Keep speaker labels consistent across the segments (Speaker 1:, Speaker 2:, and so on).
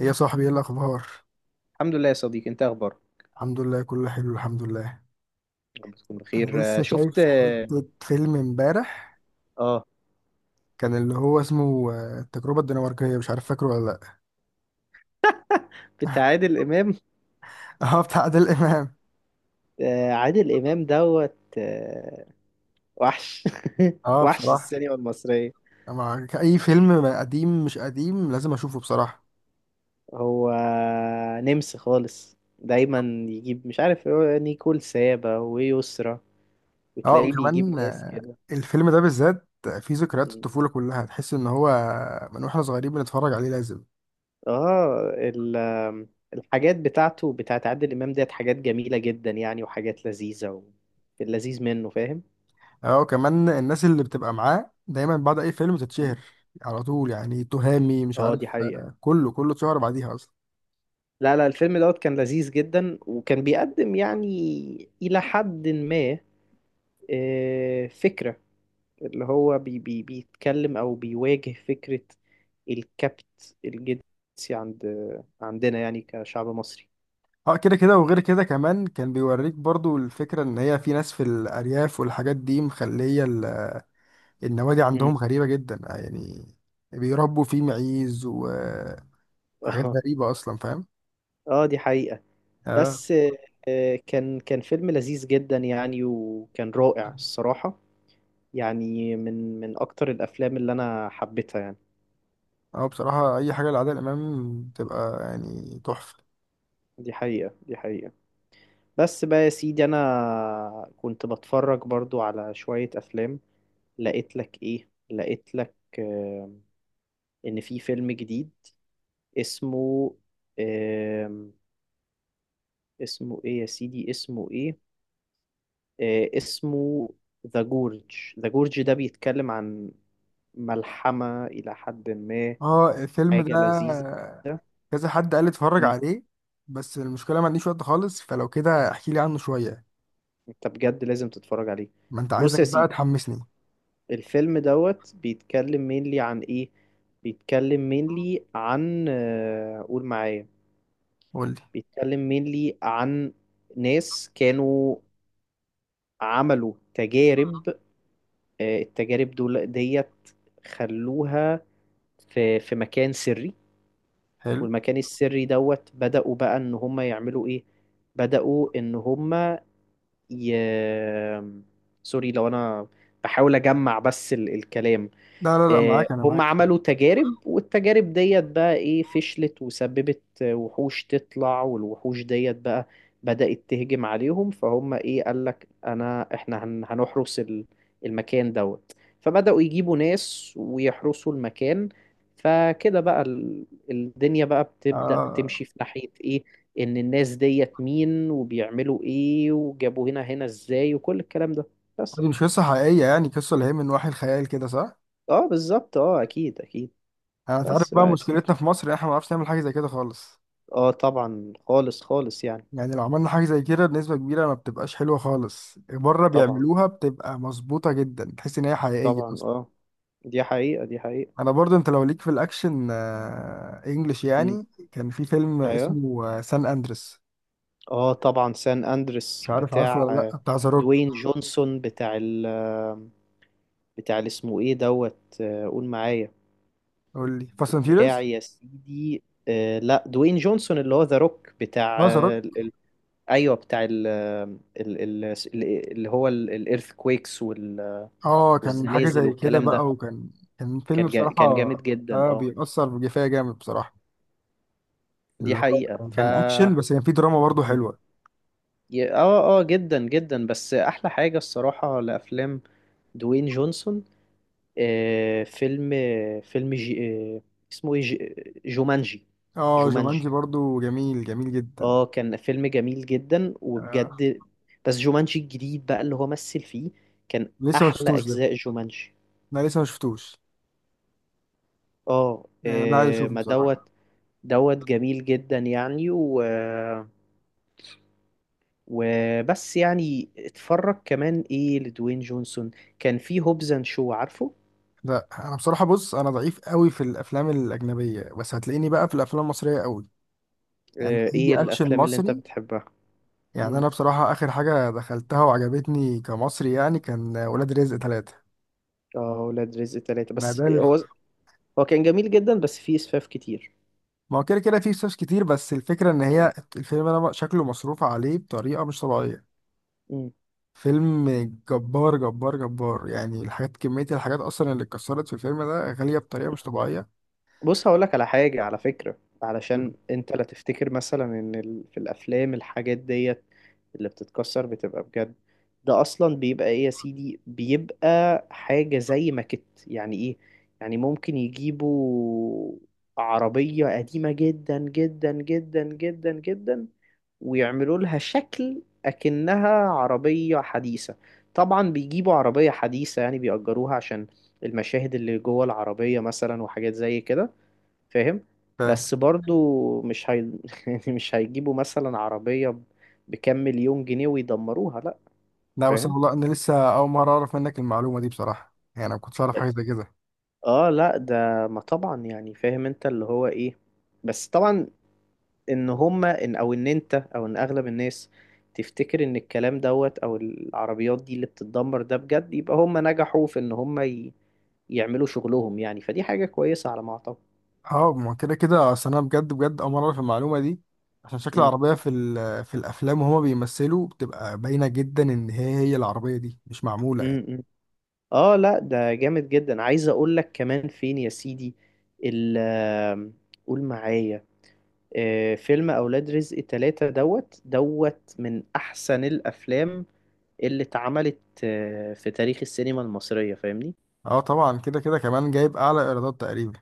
Speaker 1: إيه يا صاحبي، ايه الاخبار؟
Speaker 2: الحمد لله يا صديقي، انت اخبارك؟
Speaker 1: الحمد لله، كله حلو. الحمد لله.
Speaker 2: يا رب تكون
Speaker 1: انا
Speaker 2: بخير.
Speaker 1: لسه
Speaker 2: شفت
Speaker 1: شايف حته فيلم امبارح،
Speaker 2: آه،
Speaker 1: كان اللي هو اسمه التجربه الدنماركيه. مش عارف فاكره ولا
Speaker 2: بتاع
Speaker 1: لا.
Speaker 2: عادل امام.
Speaker 1: اه، بتاع عادل امام.
Speaker 2: عادل امام دوت وحش.
Speaker 1: اه
Speaker 2: وحش
Speaker 1: بصراحه،
Speaker 2: السينما المصريه.
Speaker 1: مع اي فيلم، قديم مش قديم، لازم اشوفه بصراحه.
Speaker 2: هو نمس خالص دايما، يجيب مش عارف هو نيكول سابا ويسرا،
Speaker 1: اه،
Speaker 2: وتلاقيه
Speaker 1: وكمان
Speaker 2: بيجيب ناس كده.
Speaker 1: الفيلم ده بالذات فيه ذكريات الطفوله كلها، تحس ان هو من واحنا صغيرين بنتفرج عليه، لازم.
Speaker 2: اه ال- آم، الحاجات بتاعته بتاعت عادل امام ديت حاجات جميله جدا يعني، وحاجات لذيذه و... اللذيذ منه، فاهم.
Speaker 1: اه، كمان الناس اللي بتبقى معاه دايما بعد اي فيلم تتشهر على طول. يعني تهامي، مش
Speaker 2: اه دي
Speaker 1: عارف،
Speaker 2: حقيقة.
Speaker 1: كله كله اتشهر بعديها اصلا.
Speaker 2: لا، لا، الفيلم دوت كان لذيذ جدا، وكان بيقدم يعني إلى حد ما فكرة اللي هو بي بي بيتكلم أو بيواجه فكرة الكبت الجنسي عند عندنا يعني كشعب مصري.
Speaker 1: اه، كده كده. وغير كده كمان كان بيوريك برضو الفكرة ان هي في ناس في الارياف، والحاجات دي مخلية النوادي
Speaker 2: مم.
Speaker 1: عندهم غريبة جدا يعني. بيربوا فيه معيز وحاجات
Speaker 2: اه.
Speaker 1: غريبة اصلا، فاهم؟
Speaker 2: اه دي حقيقة.
Speaker 1: اه.
Speaker 2: بس كان فيلم لذيذ جدا يعني، وكان رائع الصراحة. يعني من أكتر الأفلام اللي أنا حبيتها يعني.
Speaker 1: اه بصراحة، اي حاجة لعادل امام بتبقى يعني تحفة.
Speaker 2: دي حقيقة، دي حقيقة. بس بقى يا سيدي، انا كنت بتفرج برضو على شوية افلام. لقيت لك ايه، لقيت لك ان في فيلم جديد اسمه آم، اسمه ايه يا سيدي، اسمه ايه؟ اسمه ذا جورج. ذا جورج ده بيتكلم عن ملحمة الى حد ما،
Speaker 1: اه، الفيلم ده
Speaker 2: حاجة لذيذة.
Speaker 1: كذا حد قال لي اتفرج
Speaker 2: مم،
Speaker 1: عليه. بس المشكلة ما عنديش وقت خالص، فلو كده احكي لي عنه شوية.
Speaker 2: انت بجد لازم تتفرج عليه.
Speaker 1: ما انت
Speaker 2: بص
Speaker 1: عايزك
Speaker 2: يا سيدي،
Speaker 1: بقى تحمسني.
Speaker 2: الفيلم دوت بيتكلم مينلي عن ايه؟ بيتكلم مينلي عن قول معايا.
Speaker 1: قول لي.
Speaker 2: بيتكلم مينلي عن ناس كانوا عملوا تجارب. التجارب دول ديت خلوها في مكان سري.
Speaker 1: حلو.
Speaker 2: والمكان السري دوت بدأوا بقى ان هم يعملوا ايه، بدأوا ان هم ي... سوري لو انا بحاول اجمع بس الكلام.
Speaker 1: لا لا لا، معاك، انا
Speaker 2: هم
Speaker 1: معاك.
Speaker 2: عملوا تجارب، والتجارب ديت بقى ايه، فشلت وسببت وحوش تطلع، والوحوش ديت بقى بدأت تهجم عليهم. فهم ايه، قال لك انا احنا هنحرس المكان دوت. فبدأوا يجيبوا ناس ويحرسوا المكان. فكده بقى الدنيا بقى بتبدأ
Speaker 1: آه،
Speaker 2: تمشي في ناحية ايه، ان الناس ديت مين، وبيعملوا ايه، وجابوا هنا ازاي، وكل الكلام ده. بس.
Speaker 1: دي مش قصة حقيقية، يعني قصة اللي هي من وحي الخيال كده، صح؟
Speaker 2: اه بالظبط، اه اكيد اكيد.
Speaker 1: انت عارف
Speaker 2: بس
Speaker 1: بقى
Speaker 2: بقى يا سيدي.
Speaker 1: مشكلتنا في مصر، إن احنا ما بنعرفش نعمل حاجة زي كده خالص.
Speaker 2: اه طبعا خالص خالص يعني.
Speaker 1: يعني لو عملنا حاجة زي كده، بنسبة كبيرة ما بتبقاش حلوة خالص. بره
Speaker 2: طبعا.
Speaker 1: بيعملوها بتبقى مظبوطة جدا، تحس ان هي حقيقية
Speaker 2: طبعا،
Speaker 1: اصلا.
Speaker 2: اه. دي حقيقة، دي حقيقة.
Speaker 1: انا برضه، انت لو ليك في الاكشن انجلش
Speaker 2: امم.
Speaker 1: يعني، كان في فيلم
Speaker 2: ايوه.
Speaker 1: اسمه سان اندريس.
Speaker 2: اه طبعا سان
Speaker 1: مش
Speaker 2: اندريس
Speaker 1: عارف عارفه
Speaker 2: بتاع
Speaker 1: ولا لا، بتاع ذا روك.
Speaker 2: دوين جونسون، بتاع ال بتاع اللي اسمه ايه دوت، قول معايا.
Speaker 1: قول لي، فاست اند
Speaker 2: بتاع
Speaker 1: فيوريوس.
Speaker 2: يا سيدي لا دوين جونسون اللي هو ذا روك، بتاع
Speaker 1: اه، ذا روك.
Speaker 2: ايوه، بتاع ال ال- ال- اللي هو الايرث كويكس وال...
Speaker 1: اه، كان حاجه
Speaker 2: والزلازل
Speaker 1: زي كده
Speaker 2: والكلام
Speaker 1: بقى،
Speaker 2: ده.
Speaker 1: وكان فيلم بصراحه.
Speaker 2: كان جامد جدا.
Speaker 1: اه،
Speaker 2: اه
Speaker 1: بيأثر بجفاية جامد بصراحه.
Speaker 2: دي
Speaker 1: اللي
Speaker 2: حقيقة.
Speaker 1: هو كان اكشن، بس كان فيه دراما برضه حلوه.
Speaker 2: اه اه جدا جدا، بس احلى حاجة الصراحة لافلام دوين جونسون. آه فيلم فيلم آه اسمه ايه؟ جومانجي.
Speaker 1: اه، جومانجي
Speaker 2: جومانجي،
Speaker 1: برضه، جميل جميل جدا.
Speaker 2: اه كان فيلم جميل جدا
Speaker 1: آه.
Speaker 2: وبجد. بس جومانجي الجديد بقى اللي هو مثل فيه، كان
Speaker 1: لسه ما
Speaker 2: احلى
Speaker 1: شفتوش ده.
Speaker 2: اجزاء جومانجي.
Speaker 1: انا لسه ما شفتوش.
Speaker 2: اه،
Speaker 1: يعني ده عايز اشوفه
Speaker 2: ما دوت،
Speaker 1: بصراحه.
Speaker 2: دوت جميل جدا يعني و وبس يعني اتفرج كمان ايه لدوين جونسون. كان في هوبز اند شو، عارفه؟
Speaker 1: لا، انا بصراحه، بص انا ضعيف قوي في الافلام الاجنبيه، بس هتلاقيني بقى في الافلام المصريه قوي. يعني
Speaker 2: ايه
Speaker 1: اي اكشن
Speaker 2: الافلام اللي انت
Speaker 1: مصري.
Speaker 2: بتحبها؟
Speaker 1: يعني
Speaker 2: مم.
Speaker 1: انا بصراحه اخر حاجه دخلتها وعجبتني كمصري يعني كان ولاد رزق 3.
Speaker 2: اه ولاد رزق ثلاثة،
Speaker 1: انا ده
Speaker 2: بس هو
Speaker 1: الف-
Speaker 2: هو كان جميل جدا بس فيه اسفاف كتير.
Speaker 1: ما هو كده كده فيه فلوس كتير، بس الفكره ان
Speaker 2: مم.
Speaker 1: هي الفيلم انا شكله مصروف عليه بطريقه مش طبيعيه.
Speaker 2: مم.
Speaker 1: فيلم جبار جبار جبار، يعني الحاجات، كميه الحاجات اصلا اللي اتكسرت في الفيلم ده غاليه بطريقه مش طبيعيه.
Speaker 2: بص هقولك على حاجة، على فكرة، علشان انت لا تفتكر مثلا ان ال... في الافلام الحاجات ديت اللي بتتكسر بتبقى بجد. ده اصلا بيبقى ايه يا سيدي، بيبقى حاجة زي ماكت، يعني ايه، يعني ممكن يجيبوا عربية قديمة جدا جدا جدا جدا جدا، ويعملوا لها شكل أكنها عربية حديثة. طبعا بيجيبوا عربية حديثة، يعني بيأجروها عشان المشاهد اللي جوه العربية مثلا، وحاجات زي كده، فاهم.
Speaker 1: ف...
Speaker 2: بس برضو مش هي... يعني مش هيجيبوا مثلا عربية بكام مليون جنيه ويدمروها، لأ.
Speaker 1: لا بس
Speaker 2: فاهم.
Speaker 1: والله، انا لسه اول مره اعرف منك المعلومه دي بصراحه. يعني انا ما كنتش اعرف حاجه زي كده.
Speaker 2: اه لا ده، ما طبعا يعني فاهم، انت اللي هو ايه. بس طبعا ان هما ان او ان انت او ان اغلب الناس تفتكر ان الكلام دوت او العربيات دي اللي بتتدمر ده بجد، يبقى هما نجحوا في ان هما ي... يعملوا شغلهم يعني، فدي حاجة كويسة على ما اعتقد.
Speaker 1: اه، ما كده كده، اصل انا بجد بجد اول مره في المعلومه دي. عشان شكل
Speaker 2: امم
Speaker 1: العربيه في في الافلام وهما بيمثلوا بتبقى باينه جدا ان هي العربيه دي مش معموله يعني.
Speaker 2: إمم. اه لا ده جامد جدا. عايز اقول لك كمان فين يا سيدي ال آم، قول معايا. فيلم اولاد رزق تلاتة دوت دوت من احسن الافلام اللي اتعملت في تاريخ السينما المصرية، فاهمني.
Speaker 1: اه طبعا. كده كده كمان جايب اعلى ايرادات تقريبا.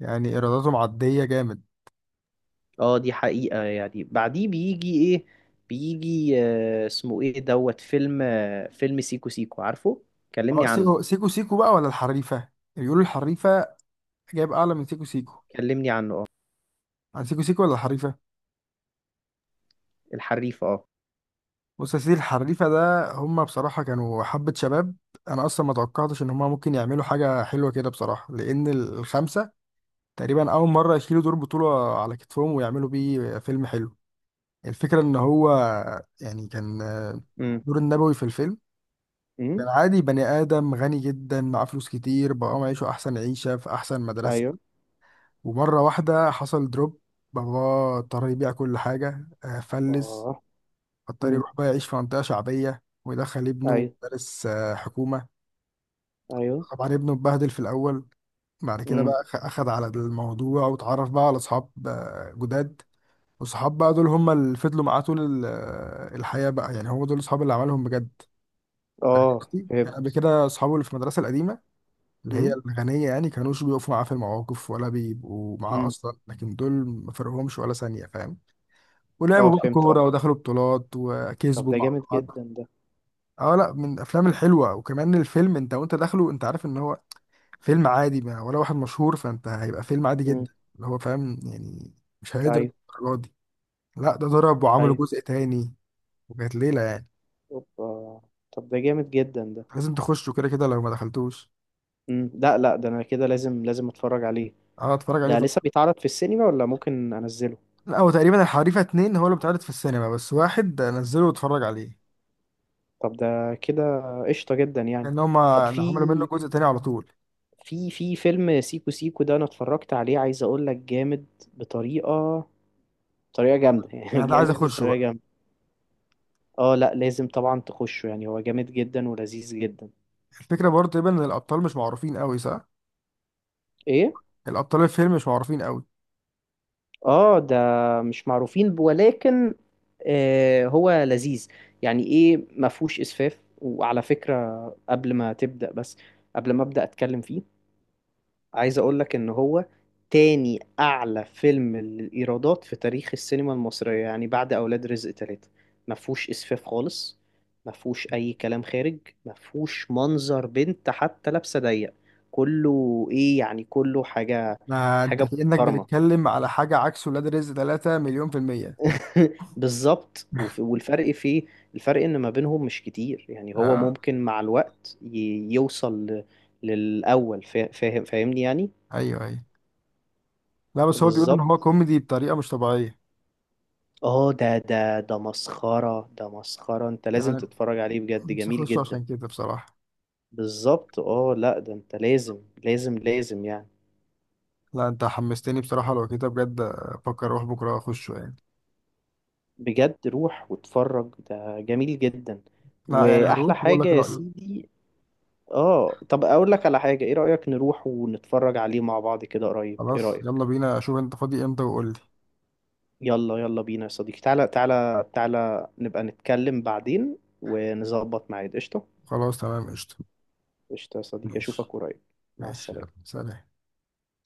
Speaker 1: يعني ايراداته معديه جامد.
Speaker 2: اه دي حقيقة، يعني بعديه بيجي ايه؟ بيجي اسمه ايه دوت فيلم فيلم سيكو سيكو، عارفه؟ كلمني
Speaker 1: اه، سيكو
Speaker 2: عنه.
Speaker 1: سيكو سيكو بقى، ولا الحريفه؟ بيقولوا الحريفه جايب اعلى من سيكو سيكو.
Speaker 2: كلمني عنه، اه.
Speaker 1: عن سيكو سيكو ولا الحريفه؟
Speaker 2: الحريف، اه.
Speaker 1: بص يا سيدي، الحريفه ده هما بصراحه كانوا حبه شباب. انا اصلا ما توقعتش ان هما ممكن يعملوا حاجه حلوه كده بصراحه، لان الخمسه تقريبا أول مرة يشيلوا دور بطولة على كتفهم ويعملوا بيه فيلم حلو. الفكرة إن هو يعني كان
Speaker 2: امم.
Speaker 1: دور النبوي في الفيلم،
Speaker 2: امم.
Speaker 1: كان عادي، بني آدم غني جدا معاه فلوس كتير، بقى معيشه أحسن عيشة في أحسن مدرسة.
Speaker 2: ايوه.
Speaker 1: ومرة واحدة حصل دروب، باباه اضطر يبيع كل حاجة فلس.
Speaker 2: اه.
Speaker 1: اضطر
Speaker 2: امم.
Speaker 1: يروح بقى يعيش في منطقة شعبية، ويدخل ابنه
Speaker 2: ايوه.
Speaker 1: مدارس حكومة.
Speaker 2: ايوه.
Speaker 1: طبعا ابنه اتبهدل في الأول، بعد كده
Speaker 2: امم.
Speaker 1: بقى أخد على الموضوع واتعرف بقى على أصحاب جداد. وصحاب بقى دول هم اللي فضلوا معاه طول ال- الحياة بقى، يعني هو دول الصحاب اللي عملهم بجد. أنا
Speaker 2: اه
Speaker 1: أختي كان قبل
Speaker 2: فهمت.
Speaker 1: كده أصحابه اللي في المدرسة القديمة، اللي هي
Speaker 2: امم.
Speaker 1: الغنية، يعني كانوش بيقفوا معاه في المواقف ولا بيبقوا معاه
Speaker 2: امم.
Speaker 1: أصلا، لكن دول ما فرقهمش ولا ثانية، فاهم؟
Speaker 2: اه
Speaker 1: ولعبوا بقى
Speaker 2: فهمت،
Speaker 1: كورة،
Speaker 2: اه.
Speaker 1: ودخلوا بطولات،
Speaker 2: طب
Speaker 1: وكسبوا
Speaker 2: ده
Speaker 1: مع
Speaker 2: جامد جدا،
Speaker 1: بعض.
Speaker 2: ده.
Speaker 1: اه، لا، من الأفلام الحلوة. وكمان الفيلم أنت وأنت داخله أنت عارف إن هو فيلم عادي، ما ولا واحد مشهور، فأنت هيبقى فيلم عادي
Speaker 2: امم.
Speaker 1: جدا اللي هو، فاهم يعني، مش هيقدر
Speaker 2: ايوه.
Speaker 1: الدرجة دي. لا، ده ضرب وعملوا
Speaker 2: ايوه.
Speaker 1: جزء تاني، وكانت ليلة يعني.
Speaker 2: اوبا. طب ده جامد جدا ده.
Speaker 1: لازم تخشوا، كده كده لو ما دخلتوش.
Speaker 2: امم، لا، لا، ده انا كده لازم لازم اتفرج عليه.
Speaker 1: اه، اتفرج عليه
Speaker 2: ده
Speaker 1: طبعا.
Speaker 2: لسه بيتعرض في السينما، ولا ممكن انزله؟
Speaker 1: لا هو تقريبا الحريفة 2 هو اللي بيتعرض في السينما بس، واحد نزله واتفرج عليه.
Speaker 2: طب ده كده قشطة جدا يعني.
Speaker 1: لأن هما
Speaker 2: طب
Speaker 1: يعني
Speaker 2: في
Speaker 1: عملوا منه جزء تاني على طول.
Speaker 2: في فيلم سيكو سيكو ده انا اتفرجت عليه، عايز اقول لك جامد بطريقة، بطريقة جامدة. يعني
Speaker 1: أنا ده عايز
Speaker 2: جامد
Speaker 1: أخشه
Speaker 2: بطريقة
Speaker 1: بقى.
Speaker 2: جامدة. اه لا لازم طبعا تخشه، يعني هو جامد جدا ولذيذ جدا.
Speaker 1: الفكرة برضه تقريبا إن الأبطال مش معروفين أوي، صح؟
Speaker 2: ايه.
Speaker 1: الأبطال الفيلم مش معروفين أوي.
Speaker 2: اه ده مش معروفين ولكن هو لذيذ. يعني ايه، ما فيهوش اسفاف، وعلى فكرة قبل ما تبدأ، بس قبل ما ابدأ اتكلم فيه، عايز اقول لك ان هو تاني اعلى فيلم للايرادات في تاريخ السينما المصرية، يعني بعد اولاد رزق تلاتة. ما فيهوش اسفاف خالص. ما فيهوش اي كلام خارج. ما فيهوش منظر بنت حتى لابسة ضيق. كله ايه، يعني كله حاجة،
Speaker 1: ما أنت
Speaker 2: حاجة
Speaker 1: كأنك
Speaker 2: محترمة.
Speaker 1: بتتكلم على حاجة عكس ولاد رزق 3، مليون في المية.
Speaker 2: بالظبط، والفرق فيه، الفرق ان ما بينهم مش كتير، يعني هو
Speaker 1: اه،
Speaker 2: ممكن مع الوقت يوصل للاول، فاهم فاهمني يعني.
Speaker 1: أيوه أيوه. لا، بس هو بيقول إن هو
Speaker 2: بالظبط،
Speaker 1: كوميدي بطريقة مش طبيعية.
Speaker 2: اه ده مسخرة، ده مسخرة، انت
Speaker 1: يعني
Speaker 2: لازم
Speaker 1: أنا
Speaker 2: تتفرج عليه بجد،
Speaker 1: نفسي
Speaker 2: جميل
Speaker 1: أخشه
Speaker 2: جدا.
Speaker 1: عشان كده بصراحة.
Speaker 2: بالظبط، اه لا ده انت لازم لازم لازم يعني.
Speaker 1: لا، انت حمستني بصراحة. لو كده بجد افكر اروح بكرة اخشه يعني.
Speaker 2: بجد روح واتفرج، ده جميل جدا.
Speaker 1: لا يعني
Speaker 2: واحلى
Speaker 1: هروح واقول
Speaker 2: حاجة
Speaker 1: لك
Speaker 2: يا
Speaker 1: رأيي.
Speaker 2: سيدي، اه طب اقول لك على حاجة، ايه رأيك نروح ونتفرج عليه مع بعض كده قريب؟ ايه
Speaker 1: خلاص،
Speaker 2: رأيك؟
Speaker 1: يلا بينا، اشوف انت فاضي امتى وقول لي.
Speaker 2: يلا يلا بينا يا صديقي، تعالى تعالى تعالى نبقى نتكلم بعدين ونظبط ميعاد، قشطة.
Speaker 1: خلاص، تمام، قشطة.
Speaker 2: قشطة يا صديقي،
Speaker 1: ماشي.
Speaker 2: اشوفك قريب. مع
Speaker 1: ماشي، يلا،
Speaker 2: السلامة.
Speaker 1: سلام.